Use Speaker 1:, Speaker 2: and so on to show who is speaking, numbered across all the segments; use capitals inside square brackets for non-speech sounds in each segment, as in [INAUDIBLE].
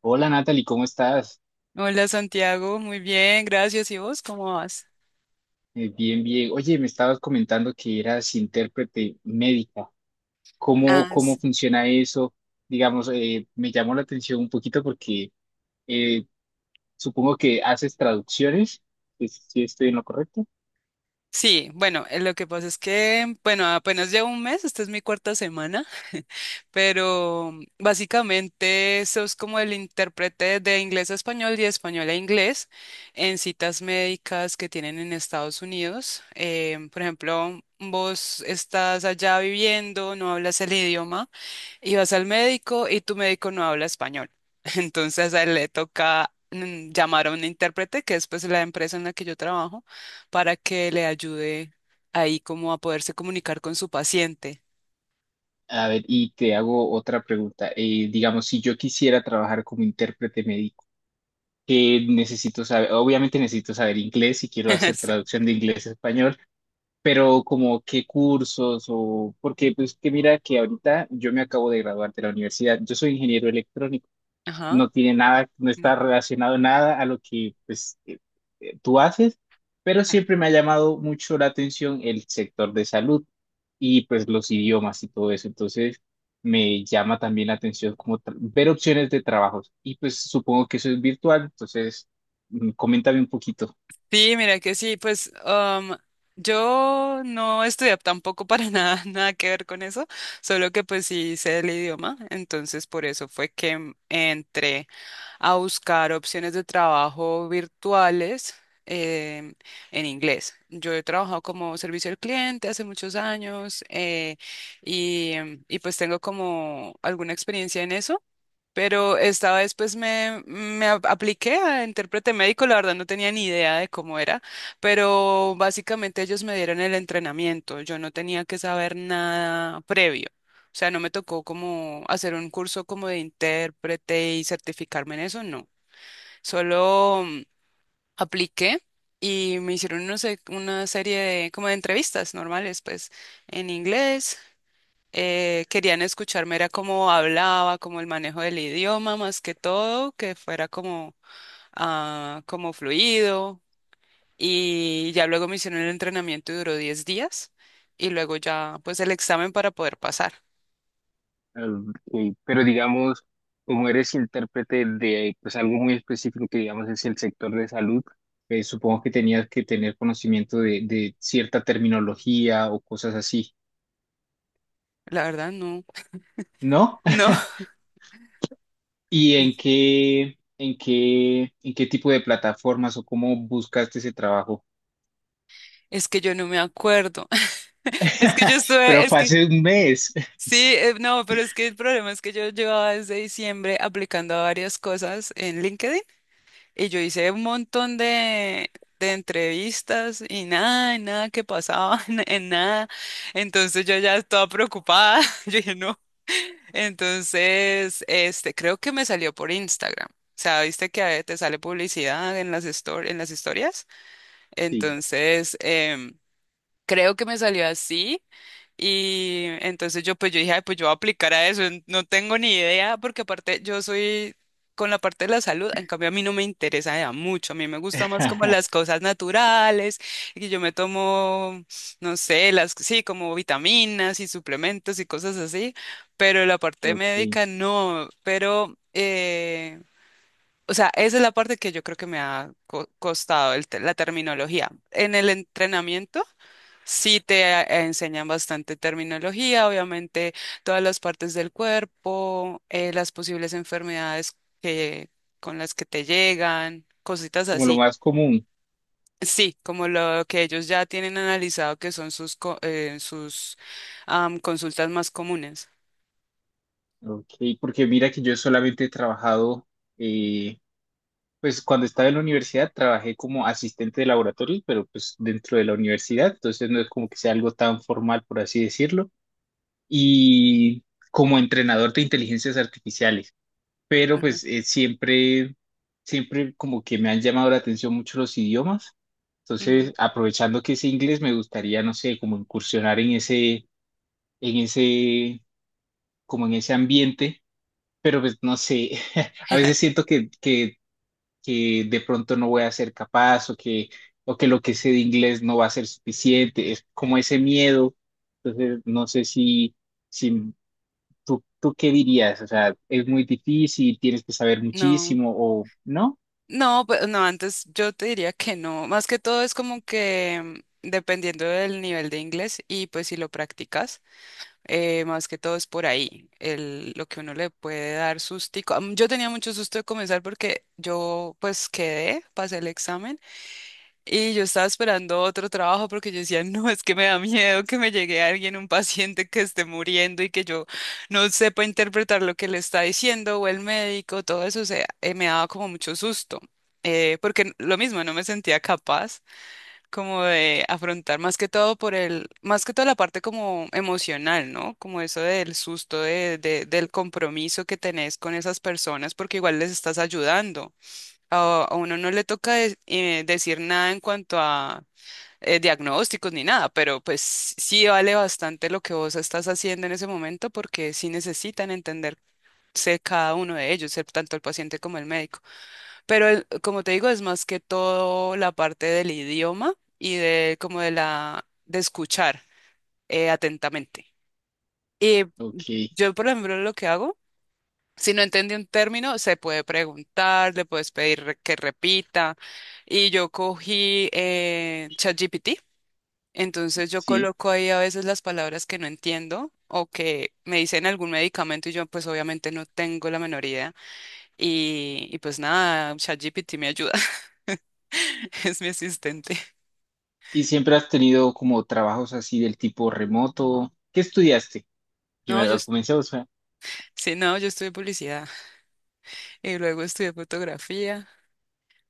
Speaker 1: Hola, Natalie, ¿cómo estás?
Speaker 2: Hola Santiago, muy bien, gracias. ¿Y vos cómo vas?
Speaker 1: Bien, bien. Oye, me estabas comentando que eras intérprete médica. ¿Cómo,
Speaker 2: Ah,
Speaker 1: cómo
Speaker 2: sí.
Speaker 1: funciona eso? Digamos, me llamó la atención un poquito porque eh, supongo que haces traducciones, si estoy en lo correcto.
Speaker 2: Sí, bueno, lo que pasa es que, bueno, apenas llevo 1 mes, esta es mi cuarta semana, [LAUGHS] pero básicamente sos como el intérprete de inglés a español y español a inglés en citas médicas que tienen en Estados Unidos. Por ejemplo, vos estás allá viviendo, no hablas el idioma. Y vas al médico y tu médico no habla español. [LAUGHS] Entonces a él le toca llamar a un intérprete, que es pues la empresa en la que yo trabajo, para que le ayude ahí como a poderse comunicar con su paciente.
Speaker 1: A ver, y te hago otra pregunta. Digamos, si yo quisiera trabajar como intérprete médico, ¿qué necesito saber? Obviamente necesito saber inglés si quiero
Speaker 2: [LAUGHS]
Speaker 1: hacer
Speaker 2: Sí.
Speaker 1: traducción de inglés a español. Pero como qué cursos, o porque pues, que mira que ahorita yo me acabo de graduar de la universidad. Yo soy ingeniero electrónico.
Speaker 2: Ajá.
Speaker 1: No tiene nada, no
Speaker 2: No.
Speaker 1: está relacionado nada a lo que pues tú haces, pero siempre me ha llamado mucho la atención el sector de salud y pues los idiomas y todo eso. Entonces me llama también la atención como ver opciones de trabajos, y pues supongo que eso es virtual. Entonces, coméntame un poquito.
Speaker 2: Sí, mira que sí, pues yo no estudié tampoco para nada, [LAUGHS] nada que ver con eso, solo que pues sí sé el idioma, entonces por eso fue que entré a buscar opciones de trabajo virtuales, em, en inglés. Yo he trabajado como servicio al cliente hace muchos años, y, y pues tengo como alguna experiencia en eso. Pero esta vez pues apliqué a intérprete médico, la verdad no tenía ni idea de cómo era, pero básicamente ellos me dieron el entrenamiento, yo no tenía que saber nada previo, o sea, no me tocó como hacer un curso como de intérprete y certificarme en eso, no, solo apliqué y me hicieron no sé, una serie de como de entrevistas normales pues en inglés. Querían escucharme, era cómo hablaba, como el manejo del idioma, más que todo, que fuera como, ah, como fluido. Y ya luego me hicieron el entrenamiento y duró 10 días. Y luego ya, pues el examen para poder pasar.
Speaker 1: Ok, pero digamos, como eres intérprete de pues algo muy específico, que digamos es el sector de salud, supongo que tenías que tener conocimiento de cierta terminología o cosas así,
Speaker 2: La verdad, no.
Speaker 1: ¿no?
Speaker 2: No,
Speaker 1: [LAUGHS] ¿Y en qué, en qué, en qué tipo de plataformas o cómo buscaste ese trabajo?
Speaker 2: [LAUGHS] es que yo no me acuerdo. [LAUGHS] Es que yo
Speaker 1: [LAUGHS]
Speaker 2: estuve,
Speaker 1: Pero
Speaker 2: es
Speaker 1: fue
Speaker 2: que
Speaker 1: hace un mes.
Speaker 2: sí, no, pero es que el problema es que yo llevaba desde diciembre aplicando a varias cosas en LinkedIn. Y yo hice un montón de entrevistas y nada que pasaba, [LAUGHS] en nada. Entonces yo ya estaba preocupada. [LAUGHS] Yo dije, no. Entonces, este, creo que me salió por Instagram. O sea, viste que a veces te sale publicidad en las, en las historias.
Speaker 1: Sí.
Speaker 2: Entonces, creo que me salió así. Y entonces yo pues yo dije, "Ay, pues yo voy a aplicar a eso, no tengo ni idea, porque aparte yo soy con la parte de la salud, en cambio a mí no me interesa ya mucho, a mí me gusta más como las
Speaker 1: [LAUGHS]
Speaker 2: cosas naturales, y yo me tomo, no sé, las, sí, como vitaminas y suplementos y cosas así, pero la parte
Speaker 1: Ok,
Speaker 2: médica no, pero, o sea, esa es la parte que yo creo que me ha costado el la terminología. En el entrenamiento. Sí te enseñan bastante terminología, obviamente todas las partes del cuerpo, las posibles enfermedades que, con las que te llegan, cositas
Speaker 1: como lo
Speaker 2: así.
Speaker 1: más común.
Speaker 2: Sí, como lo que ellos ya tienen analizado que son sus, sus consultas más comunes.
Speaker 1: Ok, porque mira que yo solamente he trabajado eh, pues cuando estaba en la universidad trabajé como asistente de laboratorio, pero pues dentro de la universidad, entonces no es como que sea algo tan formal, por así decirlo, y como entrenador de inteligencias artificiales, pero
Speaker 2: Ajá.
Speaker 1: pues siempre como que me han llamado la atención mucho los idiomas,
Speaker 2: Ujú.
Speaker 1: entonces aprovechando que es inglés, me gustaría, no sé, como incursionar en ese, como en ese ambiente, pero pues no sé, [LAUGHS] a veces siento que, que de pronto no voy a ser capaz, o que lo que sé de inglés no va a ser suficiente, es como ese miedo. Entonces, no sé si, si tú qué dirías. O sea, ¿es muy difícil, tienes que saber
Speaker 2: No,
Speaker 1: muchísimo o no?
Speaker 2: no, pues no, antes yo te diría que no. Más que todo es como que dependiendo del nivel de inglés y pues si lo practicas. Más que todo es por ahí, el, lo que uno le puede dar sustico. Yo tenía mucho susto de comenzar porque yo pues quedé, pasé el examen y yo estaba esperando otro trabajo porque yo decía, no, es que me da miedo que me llegue alguien, un paciente que esté muriendo y que yo no sepa interpretar lo que le está diciendo o el médico, todo eso, o sea, me daba como mucho susto. Porque lo mismo, no me sentía capaz como de afrontar más que todo por el, más que toda la parte como emocional, ¿no? Como eso del susto, de, del compromiso que tenés con esas personas, porque igual les estás ayudando. A uno no le toca decir nada en cuanto a diagnósticos ni nada, pero pues sí vale bastante lo que vos estás haciendo en ese momento, porque sí necesitan entenderse cada uno de ellos, tanto el paciente como el médico. Pero como te digo, es más que todo la parte del idioma y de como de la de escuchar atentamente. Y
Speaker 1: Ok,
Speaker 2: yo, por ejemplo, lo que hago, si no entiende un término, se puede preguntar, le puedes pedir que repita. Y yo cogí ChatGPT, entonces yo
Speaker 1: sí.
Speaker 2: coloco ahí a veces las palabras que no entiendo o que me dicen algún medicamento y yo pues obviamente no tengo la menor idea. Y pues nada, ChatGPT me ayuda. [LAUGHS] Es mi asistente.
Speaker 1: ¿Y siempre has tenido como trabajos así del tipo remoto? ¿Qué estudiaste?
Speaker 2: No, yo,
Speaker 1: Primero, comencemos. Ah,
Speaker 2: sí, no, yo estudié publicidad y luego estudié fotografía,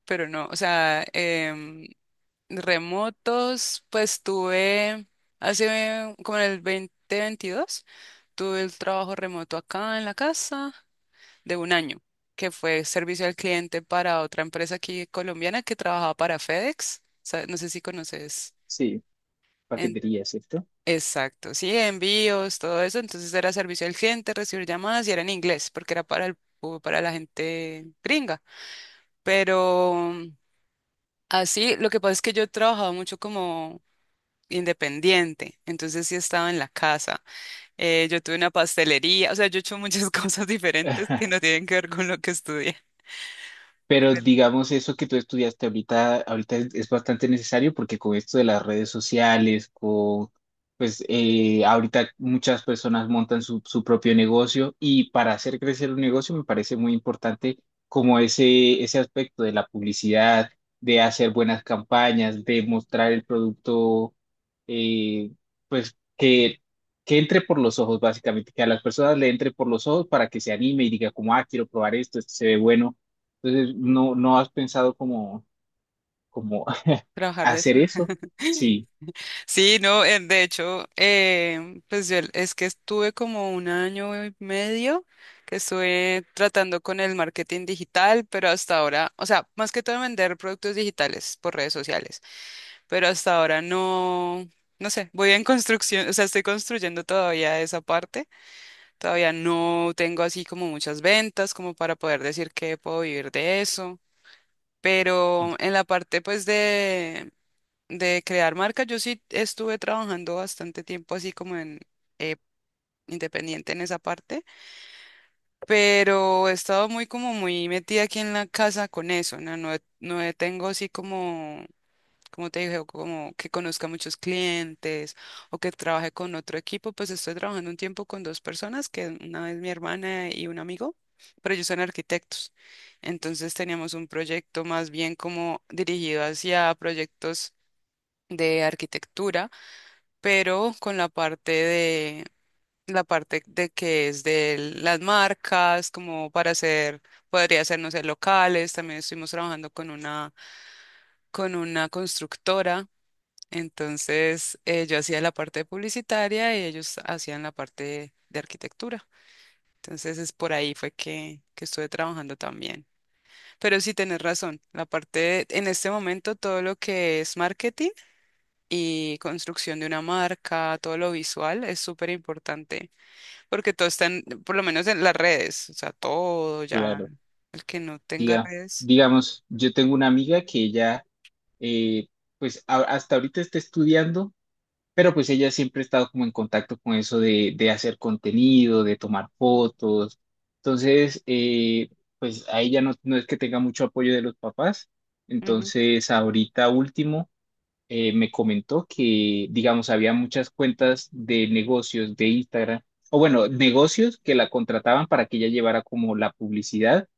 Speaker 2: pero no, o sea, remotos, pues tuve hace como en el 2022, tuve el trabajo remoto acá en la casa de 1 año, que fue servicio al cliente para otra empresa aquí colombiana que trabajaba para FedEx. O sea, no sé si conoces.
Speaker 1: sí, paquetería, ¿cierto?
Speaker 2: Exacto, sí, envíos, todo eso. Entonces era servicio al cliente, recibir llamadas y era en inglés porque era para el, para la gente gringa. Pero así, lo que pasa es que yo he trabajado mucho como independiente, entonces sí estaba en la casa. Yo tuve una pastelería, o sea, yo he hecho muchas [LAUGHS] cosas diferentes que no
Speaker 1: [LAUGHS]
Speaker 2: tienen que ver con lo que estudié.
Speaker 1: Pero digamos, eso que tú estudiaste ahorita, ahorita es bastante necesario, porque con esto de las redes sociales, con, pues ahorita muchas personas montan su, su propio negocio, y para hacer crecer un negocio me parece muy importante como ese aspecto de la publicidad, de hacer buenas campañas, de mostrar el producto, eh, pues que entre por los ojos básicamente, que a las personas le entre por los ojos para que se anime y diga como, ah, quiero probar esto, esto se ve bueno. Entonces, ¿no, no has pensado como, como [LAUGHS]
Speaker 2: Trabajar de eso.
Speaker 1: hacer eso?
Speaker 2: [LAUGHS]
Speaker 1: Sí,
Speaker 2: Sí, no, de hecho, pues yo es que estuve como 1 año y medio que estuve tratando con el marketing digital, pero hasta ahora, o sea, más que todo vender productos digitales por redes sociales, pero hasta ahora no, no sé, voy en construcción, o sea, estoy construyendo todavía esa parte, todavía no tengo así como muchas ventas como para poder decir que puedo vivir de eso. Pero en la parte pues de crear marca, yo sí estuve trabajando bastante tiempo así como en eh, independiente en esa parte, pero he estado muy como muy metida aquí en la casa con eso, ¿no? No, tengo así como, como te dije, como que conozca muchos clientes o que trabaje con otro equipo, pues estoy trabajando un tiempo con 2 personas, que una es mi hermana y un amigo, pero ellos son arquitectos. Entonces teníamos un proyecto más bien como dirigido hacia proyectos de arquitectura pero con la parte de que es de las marcas, como para hacer, podría ser, no sé, locales, también estuvimos trabajando con una constructora, entonces yo hacía la parte publicitaria y ellos hacían la parte de arquitectura. Entonces es por ahí fue que estuve trabajando también. Pero sí tenés razón, la parte, en este momento todo lo que es marketing y construcción de una marca, todo lo visual es súper importante. Porque todo está en, por lo menos en las redes, o sea, todo ya,
Speaker 1: claro.
Speaker 2: el que no tenga
Speaker 1: Diga,
Speaker 2: redes.
Speaker 1: digamos, yo tengo una amiga que ella, eh, pues hasta ahorita está estudiando, pero pues ella siempre ha estado como en contacto con eso de hacer contenido, de tomar fotos. Entonces, pues a ella no, no es que tenga mucho apoyo de los papás.
Speaker 2: Ujú,
Speaker 1: Entonces, ahorita último me comentó que, digamos, había muchas cuentas de negocios de Instagram, o bueno, negocios que la contrataban para que ella llevara como la publicidad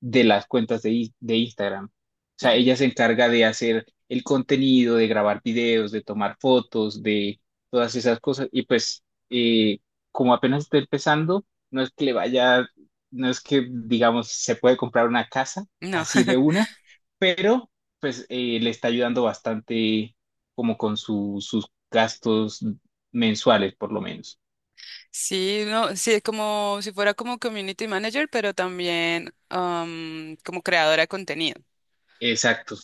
Speaker 1: de las cuentas de, de Instagram. O sea,
Speaker 2: ujú,
Speaker 1: ella se encarga de hacer el contenido, de grabar videos, de tomar fotos, de todas esas cosas. Y pues, eh, como apenas está empezando, no es que le vaya, no es que, digamos, se puede comprar una casa
Speaker 2: no,
Speaker 1: así de
Speaker 2: [LAUGHS]
Speaker 1: una, pero pues le está ayudando bastante como con sus gastos mensuales, por lo menos.
Speaker 2: sí, no, sí, como si fuera como community manager, pero también como creadora de contenido.
Speaker 1: Exacto.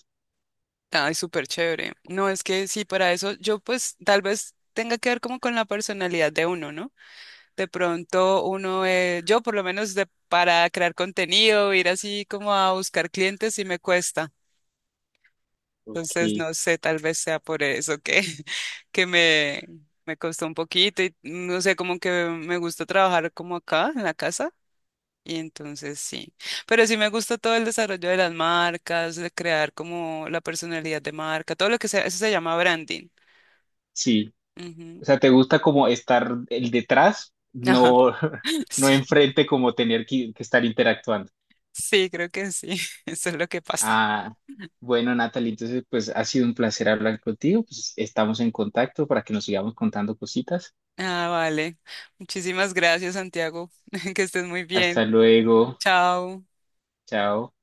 Speaker 2: Ay, súper chévere. No, es que sí, para eso yo pues tal vez tenga que ver como con la personalidad de uno, ¿no? De pronto uno, yo por lo menos de, para crear contenido, ir así como a buscar clientes, sí me cuesta. Entonces,
Speaker 1: Ok,
Speaker 2: no sé, tal vez sea por eso que, [LAUGHS] que me costó un poquito y no sé, como que me gusta trabajar como acá en la casa y entonces sí, pero sí me gusta todo el desarrollo de las marcas, de crear como la personalidad de marca, todo lo que sea, eso se llama branding.
Speaker 1: sí.
Speaker 2: Ujú.
Speaker 1: O sea, ¿te gusta como estar el detrás,
Speaker 2: Ajá,
Speaker 1: no, [LAUGHS]
Speaker 2: [LAUGHS]
Speaker 1: no
Speaker 2: sí,
Speaker 1: enfrente, como tener que estar interactuando?
Speaker 2: sí, creo que sí, [LAUGHS] eso es lo que pasa.
Speaker 1: Ah, bueno, Natalie, entonces pues ha sido un placer hablar contigo. Pues estamos en contacto para que nos sigamos contando cositas.
Speaker 2: Ah, vale. Muchísimas gracias, Santiago, [LAUGHS] que estés muy bien.
Speaker 1: Hasta luego.
Speaker 2: Chao.
Speaker 1: Chao.